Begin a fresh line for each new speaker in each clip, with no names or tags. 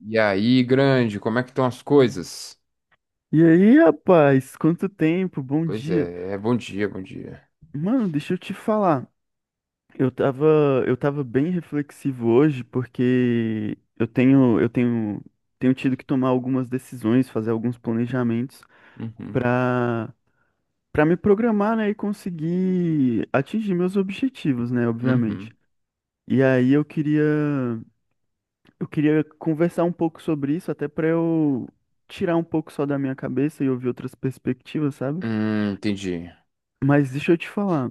E aí, grande, como é que estão as coisas?
E aí, rapaz, quanto tempo, bom
Pois
dia.
é, bom dia, bom dia.
Mano, deixa eu te falar. Eu tava, eu tava bem reflexivo hoje porque tenho tido que tomar algumas decisões, fazer alguns planejamentos
Uhum,
pra para me programar, né, e conseguir atingir meus objetivos, né, obviamente.
uhum.
E aí eu queria conversar um pouco sobre isso, até pra eu tirar um pouco só da minha cabeça e ouvir outras perspectivas, sabe?
Entendi.
Mas deixa eu te falar.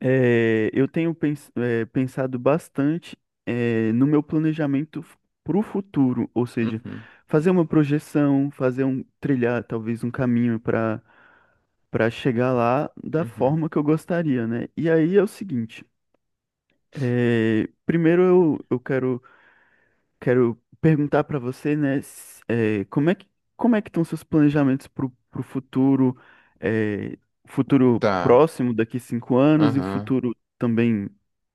É, eu tenho pensado bastante, no meu planejamento para o futuro, ou seja,
Uhum,
fazer uma projeção, fazer um trilhar talvez um caminho para chegar lá da
uhum.
forma que eu gostaria, né? E aí é o seguinte, primeiro eu quero perguntar para você, né, como é que estão seus planejamentos para o futuro, eh, futuro
Tá.
próximo daqui 5 anos e o
Aham.
futuro também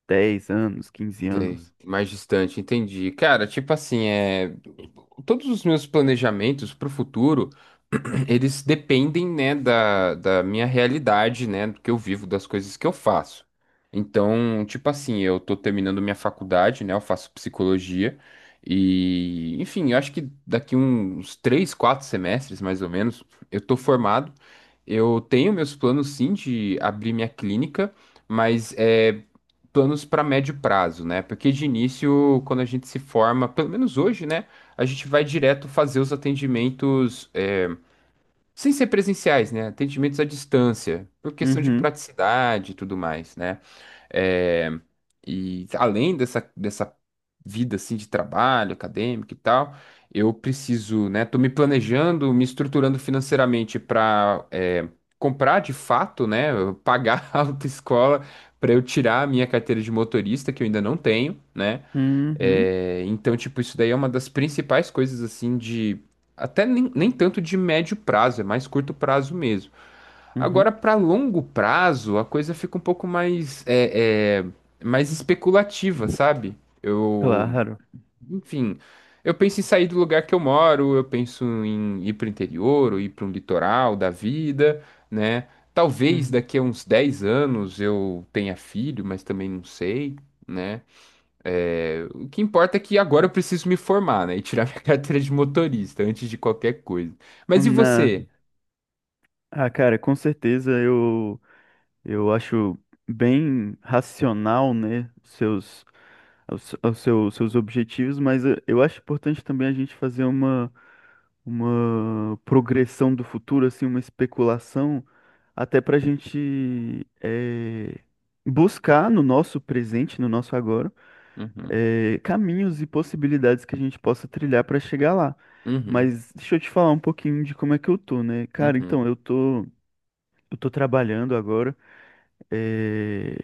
10 anos, quinze
Tem,
anos?
mais distante, entendi. Cara, tipo assim, todos os meus planejamentos para o futuro, eles dependem, né, da minha realidade, né, do que eu vivo, das coisas que eu faço. Então, tipo assim, eu tô terminando minha faculdade, né, eu faço psicologia e, enfim, eu acho que daqui uns 3, 4 semestres, mais ou menos, eu tô formado. Eu tenho meus planos, sim, de abrir minha clínica, mas é planos para médio prazo, né? Porque de início, quando a gente se forma, pelo menos hoje, né? A gente vai direto fazer os atendimentos, sem ser presenciais, né? Atendimentos à distância, por questão de
Uhum,
praticidade e tudo mais, né? É, e além dessa vida assim de trabalho, acadêmico e tal, eu preciso, né? Tô me planejando, me estruturando financeiramente para comprar de fato, né? Pagar a autoescola para eu tirar a minha carteira de motorista, que eu ainda não tenho, né?
uhum,
Então, tipo, isso daí é uma das principais coisas assim de. Até nem tanto de médio prazo, é mais curto prazo mesmo.
uhum.
Agora, para longo prazo, a coisa fica um pouco mais, mais especulativa, sabe?
Claro.
Enfim, eu penso em sair do lugar que eu moro, eu penso em ir para o interior, ou ir para um litoral da vida, né? Talvez
Uhum.
daqui a uns 10 anos eu tenha filho, mas também não sei, né? O que importa é que agora eu preciso me formar, né? E tirar minha carteira de motorista antes de qualquer coisa. Mas e
Na...
você?
Ah, cara, com certeza eu, acho bem racional, né, os seus objetivos, mas eu acho importante também a gente fazer uma progressão do futuro, assim, uma especulação, até para a gente buscar no nosso presente, no nosso agora,
Uhum,
caminhos e possibilidades que a gente possa trilhar para chegar lá.
uhum,
Mas deixa eu te falar um pouquinho de como é que eu tô, né? Cara,
uhum.
então, eu tô trabalhando agora, eh,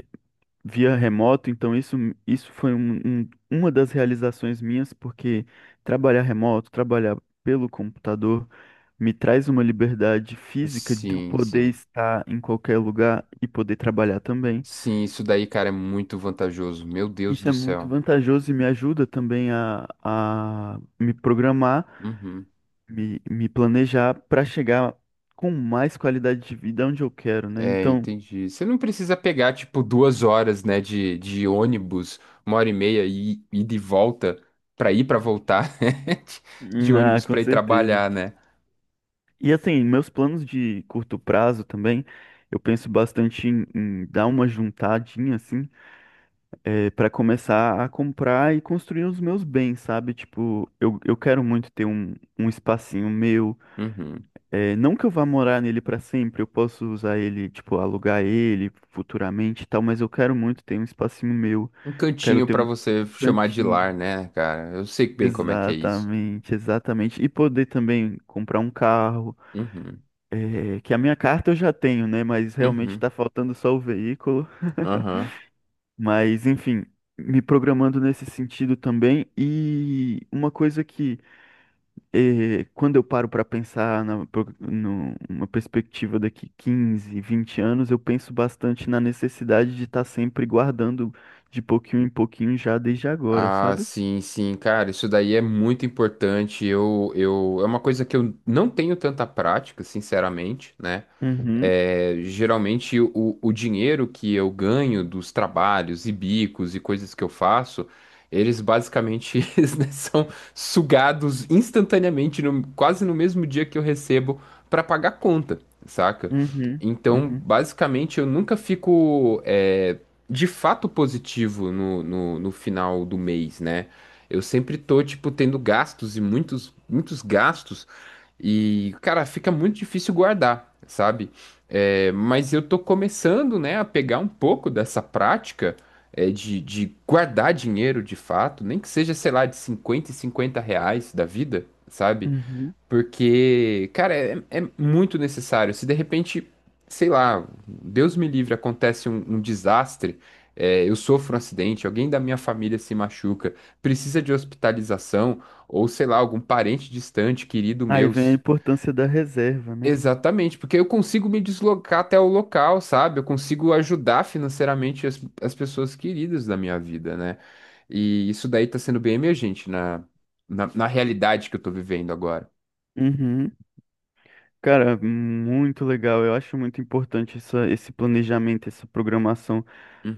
via remoto, então isso foi uma das realizações minhas, porque trabalhar remoto, trabalhar pelo computador, me traz uma liberdade física de eu
Sim,
poder
sim.
estar em qualquer lugar e poder trabalhar também.
Sim, isso daí, cara, é muito vantajoso. Meu Deus
Isso é
do
muito
céu.
vantajoso e me ajuda também a me programar,
Uhum.
me planejar para chegar com mais qualidade de vida onde eu quero, né?
É,
Então,
entendi. Você não precisa pegar, tipo, 2 horas, né, de ônibus, 1 hora e meia e ir de volta pra voltar, né? De
ah,
ônibus
com
pra ir
certeza.
trabalhar, né?
E assim, meus planos de curto prazo também, eu penso bastante em dar uma juntadinha, assim, para começar a comprar e construir os meus bens, sabe? Tipo, eu quero muito ter um espacinho meu.
Uhum.
Não que eu vá morar nele para sempre, eu posso usar ele, tipo, alugar ele futuramente e tal, mas eu quero muito ter um espacinho meu.
Um
Quero
cantinho
ter
pra
um
você chamar de
cantinho.
lar, né, cara? Eu sei bem como é que é isso.
Exatamente, exatamente. E poder também comprar um carro.
Uhum.
É, que a minha carta eu já tenho, né? Mas realmente
Uhum.
tá faltando só o veículo.
Aham.
Mas, enfim, me programando nesse sentido também. E uma coisa que, quando eu paro para pensar na, pro- no- numa perspectiva daqui 15, 20 anos, eu penso bastante na necessidade de estar sempre guardando de pouquinho em pouquinho já desde agora,
Ah,
sabe?
sim, sim, cara, isso daí é muito importante. É uma coisa que eu não tenho tanta prática, sinceramente, né?
Uhum,
Geralmente o dinheiro que eu ganho dos trabalhos e bicos e coisas que eu faço, eles basicamente eles, né, são sugados instantaneamente, quase no mesmo dia que eu recebo para pagar conta, saca?
uhum,
Então,
uhum,
basicamente, eu nunca fico. É, de fato positivo no, no final do mês, né? Eu sempre tô, tipo, tendo gastos e muitos, muitos gastos. E, cara, fica muito difícil guardar, sabe? Mas eu tô começando, né, a pegar um pouco dessa prática, de guardar dinheiro de fato, nem que seja, sei lá, de R$ 50 e R$ 50 da vida, sabe?
uhum.
Porque, cara, muito necessário. Se de repente, sei lá, Deus me livre, acontece um desastre, eu sofro um acidente, alguém da minha família se machuca, precisa de hospitalização, ou sei lá, algum parente distante, querido
Aí
meu.
vem a importância da reserva, né?
Exatamente, porque eu consigo me deslocar até o local, sabe? Eu consigo ajudar financeiramente as pessoas queridas da minha vida, né? E isso daí tá sendo bem emergente na realidade que eu tô vivendo agora.
Uhum. Cara, muito legal. Eu acho muito importante esse planejamento, essa programação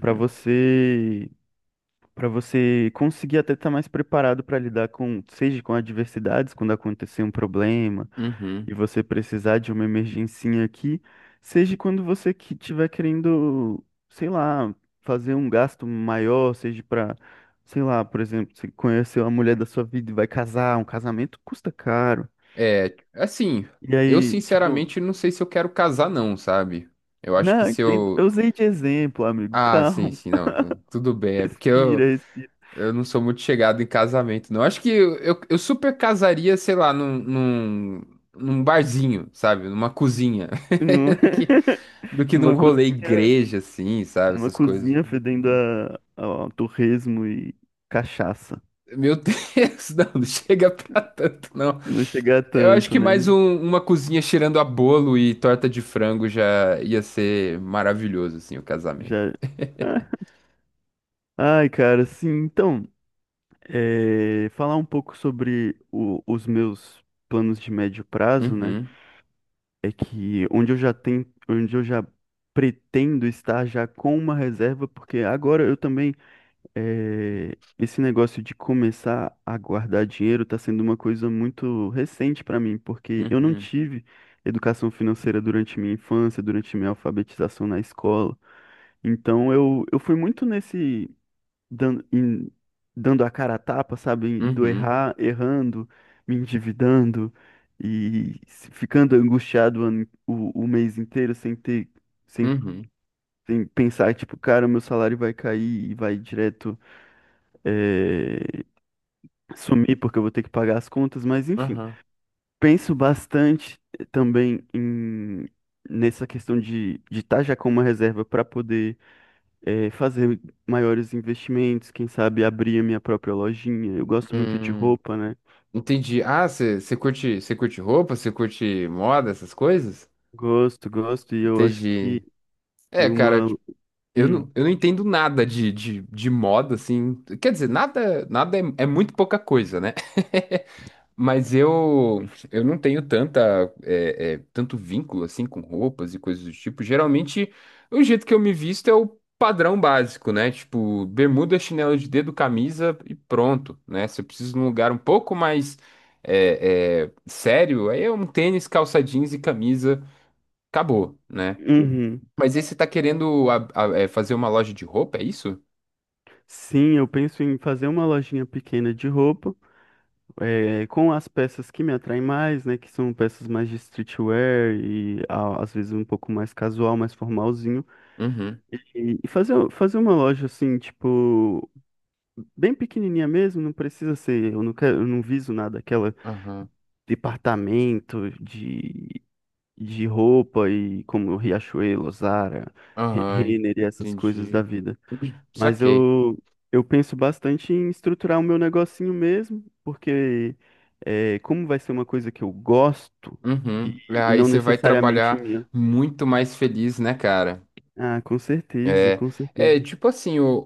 para você, para você conseguir até estar mais preparado para lidar com, seja com adversidades, quando acontecer um problema e
Uhum.
você precisar de uma emergência aqui, seja quando você que tiver querendo, sei lá, fazer um gasto maior, seja para, sei lá, por exemplo, você conheceu a mulher da sua vida e vai casar, um casamento custa caro.
É, assim,
E
eu
aí, tipo.
sinceramente não sei se eu quero casar, não, sabe? Eu acho que
Não,
se
entendo. Eu
eu.
usei de exemplo, amigo.
Ah, sim,
Calma.
sim, não, tudo bem. É porque
Respira,
eu,
respira.
eu não sou muito chegado em casamento, não. Acho que eu super casaria, sei lá, num barzinho, sabe? Numa cozinha.
Hum.
Do que, do que num
Numa
rolê
cozinha,
igreja, assim, sabe?
numa
Essas coisas.
cozinha fedendo a, torresmo e cachaça.
Meu Deus, não, não chega pra tanto, não.
Não chegar
Eu acho
tanto,
que
né?
mais uma cozinha cheirando a bolo e torta de frango já ia ser maravilhoso, assim, o casamento.
Já. Ah. Ai, cara, sim. Então, falar um pouco sobre os meus planos de médio prazo, né?
Uhum,
É que onde eu já pretendo estar já com uma reserva, porque agora eu também. É, esse negócio de começar a guardar dinheiro está sendo uma coisa muito recente para mim, porque eu não
uhum,
tive educação financeira durante minha infância, durante minha alfabetização na escola. Então eu fui muito nesse dando, em- dando a cara a tapa, sabe? Indo
uhum,
errar, errando, me endividando e ficando angustiado o, ano- o mês inteiro sem ter, sem,
uhum,
sem pensar, tipo, cara, meu salário vai cair e vai direto, eh, sumir porque eu vou ter que pagar as contas, mas enfim.
aham.
Penso bastante também nessa questão de estar já com uma reserva para poder fazer maiores investimentos, quem sabe abrir a minha própria lojinha. Eu gosto muito de
Hum,
roupa, né?
entendi. Ah, você curte roupa, você curte moda, essas coisas?
Gosto, gosto, e eu acho
Entendi.
que
Cara,
uma.
tipo, eu não, eu não
Pode
entendo
falar.
nada de moda, assim. Quer dizer, nada é muito pouca coisa, né? Mas eu não tenho tanta, tanto vínculo assim com roupas e coisas do tipo. Geralmente, o jeito que eu me visto é o padrão básico, né? Tipo, bermuda, chinelo de dedo, camisa e pronto, né? Se eu preciso de um lugar um pouco mais sério, aí é um tênis, calça jeans e camisa, acabou, né?
Uhum.
Mas aí você tá querendo fazer uma loja de roupa, é isso?
Sim, eu penso em fazer uma lojinha pequena de roupa, com as peças que me atraem mais, né? Que são peças mais de streetwear e às vezes um pouco mais casual, mais formalzinho.
Uhum,
E fazer uma loja assim, tipo, bem pequenininha mesmo, não precisa ser, eu não quero, eu não viso nada, aquela
aham,
departamento de roupa e como Riachuelo, Zara,
aham,
Renner e essas coisas da
entendi.
vida. Mas
Saquei.
eu penso bastante em estruturar o meu negocinho mesmo, porque como vai ser uma coisa que eu gosto e,
Uhum. É,
e
aí
não
você vai
necessariamente
trabalhar
minha.
muito mais feliz, né, cara?
Ah, com certeza,
É,
com
é,
certeza.
tipo assim, o,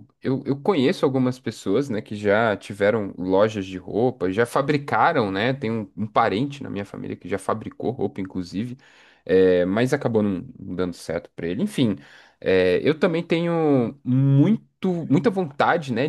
o- eu conheço algumas pessoas, né, que já tiveram lojas de roupa, já fabricaram, né? Tem um parente na minha família que já fabricou roupa, inclusive, mas acabou não dando certo pra ele. Enfim, eu também tenho muita vontade, né,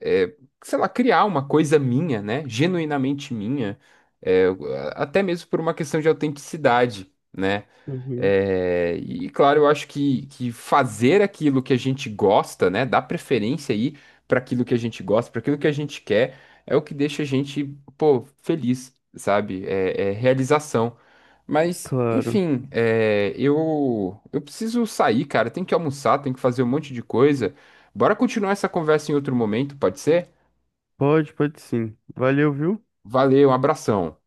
é, sei lá, criar uma coisa minha, né? Genuinamente minha, é, até mesmo por uma questão de autenticidade, né?
Uhum.
E claro, eu acho que fazer aquilo que a gente gosta, né, dar preferência aí para aquilo que a gente gosta, para aquilo que a gente quer, é o que deixa a gente, pô, feliz, sabe? É, realização. Mas,
Claro.
enfim, eu preciso sair, cara. Tenho que almoçar, tenho que fazer um monte de coisa. Bora continuar essa conversa em outro momento, pode ser?
Pode, pode sim. Valeu, viu?
Valeu, um abração.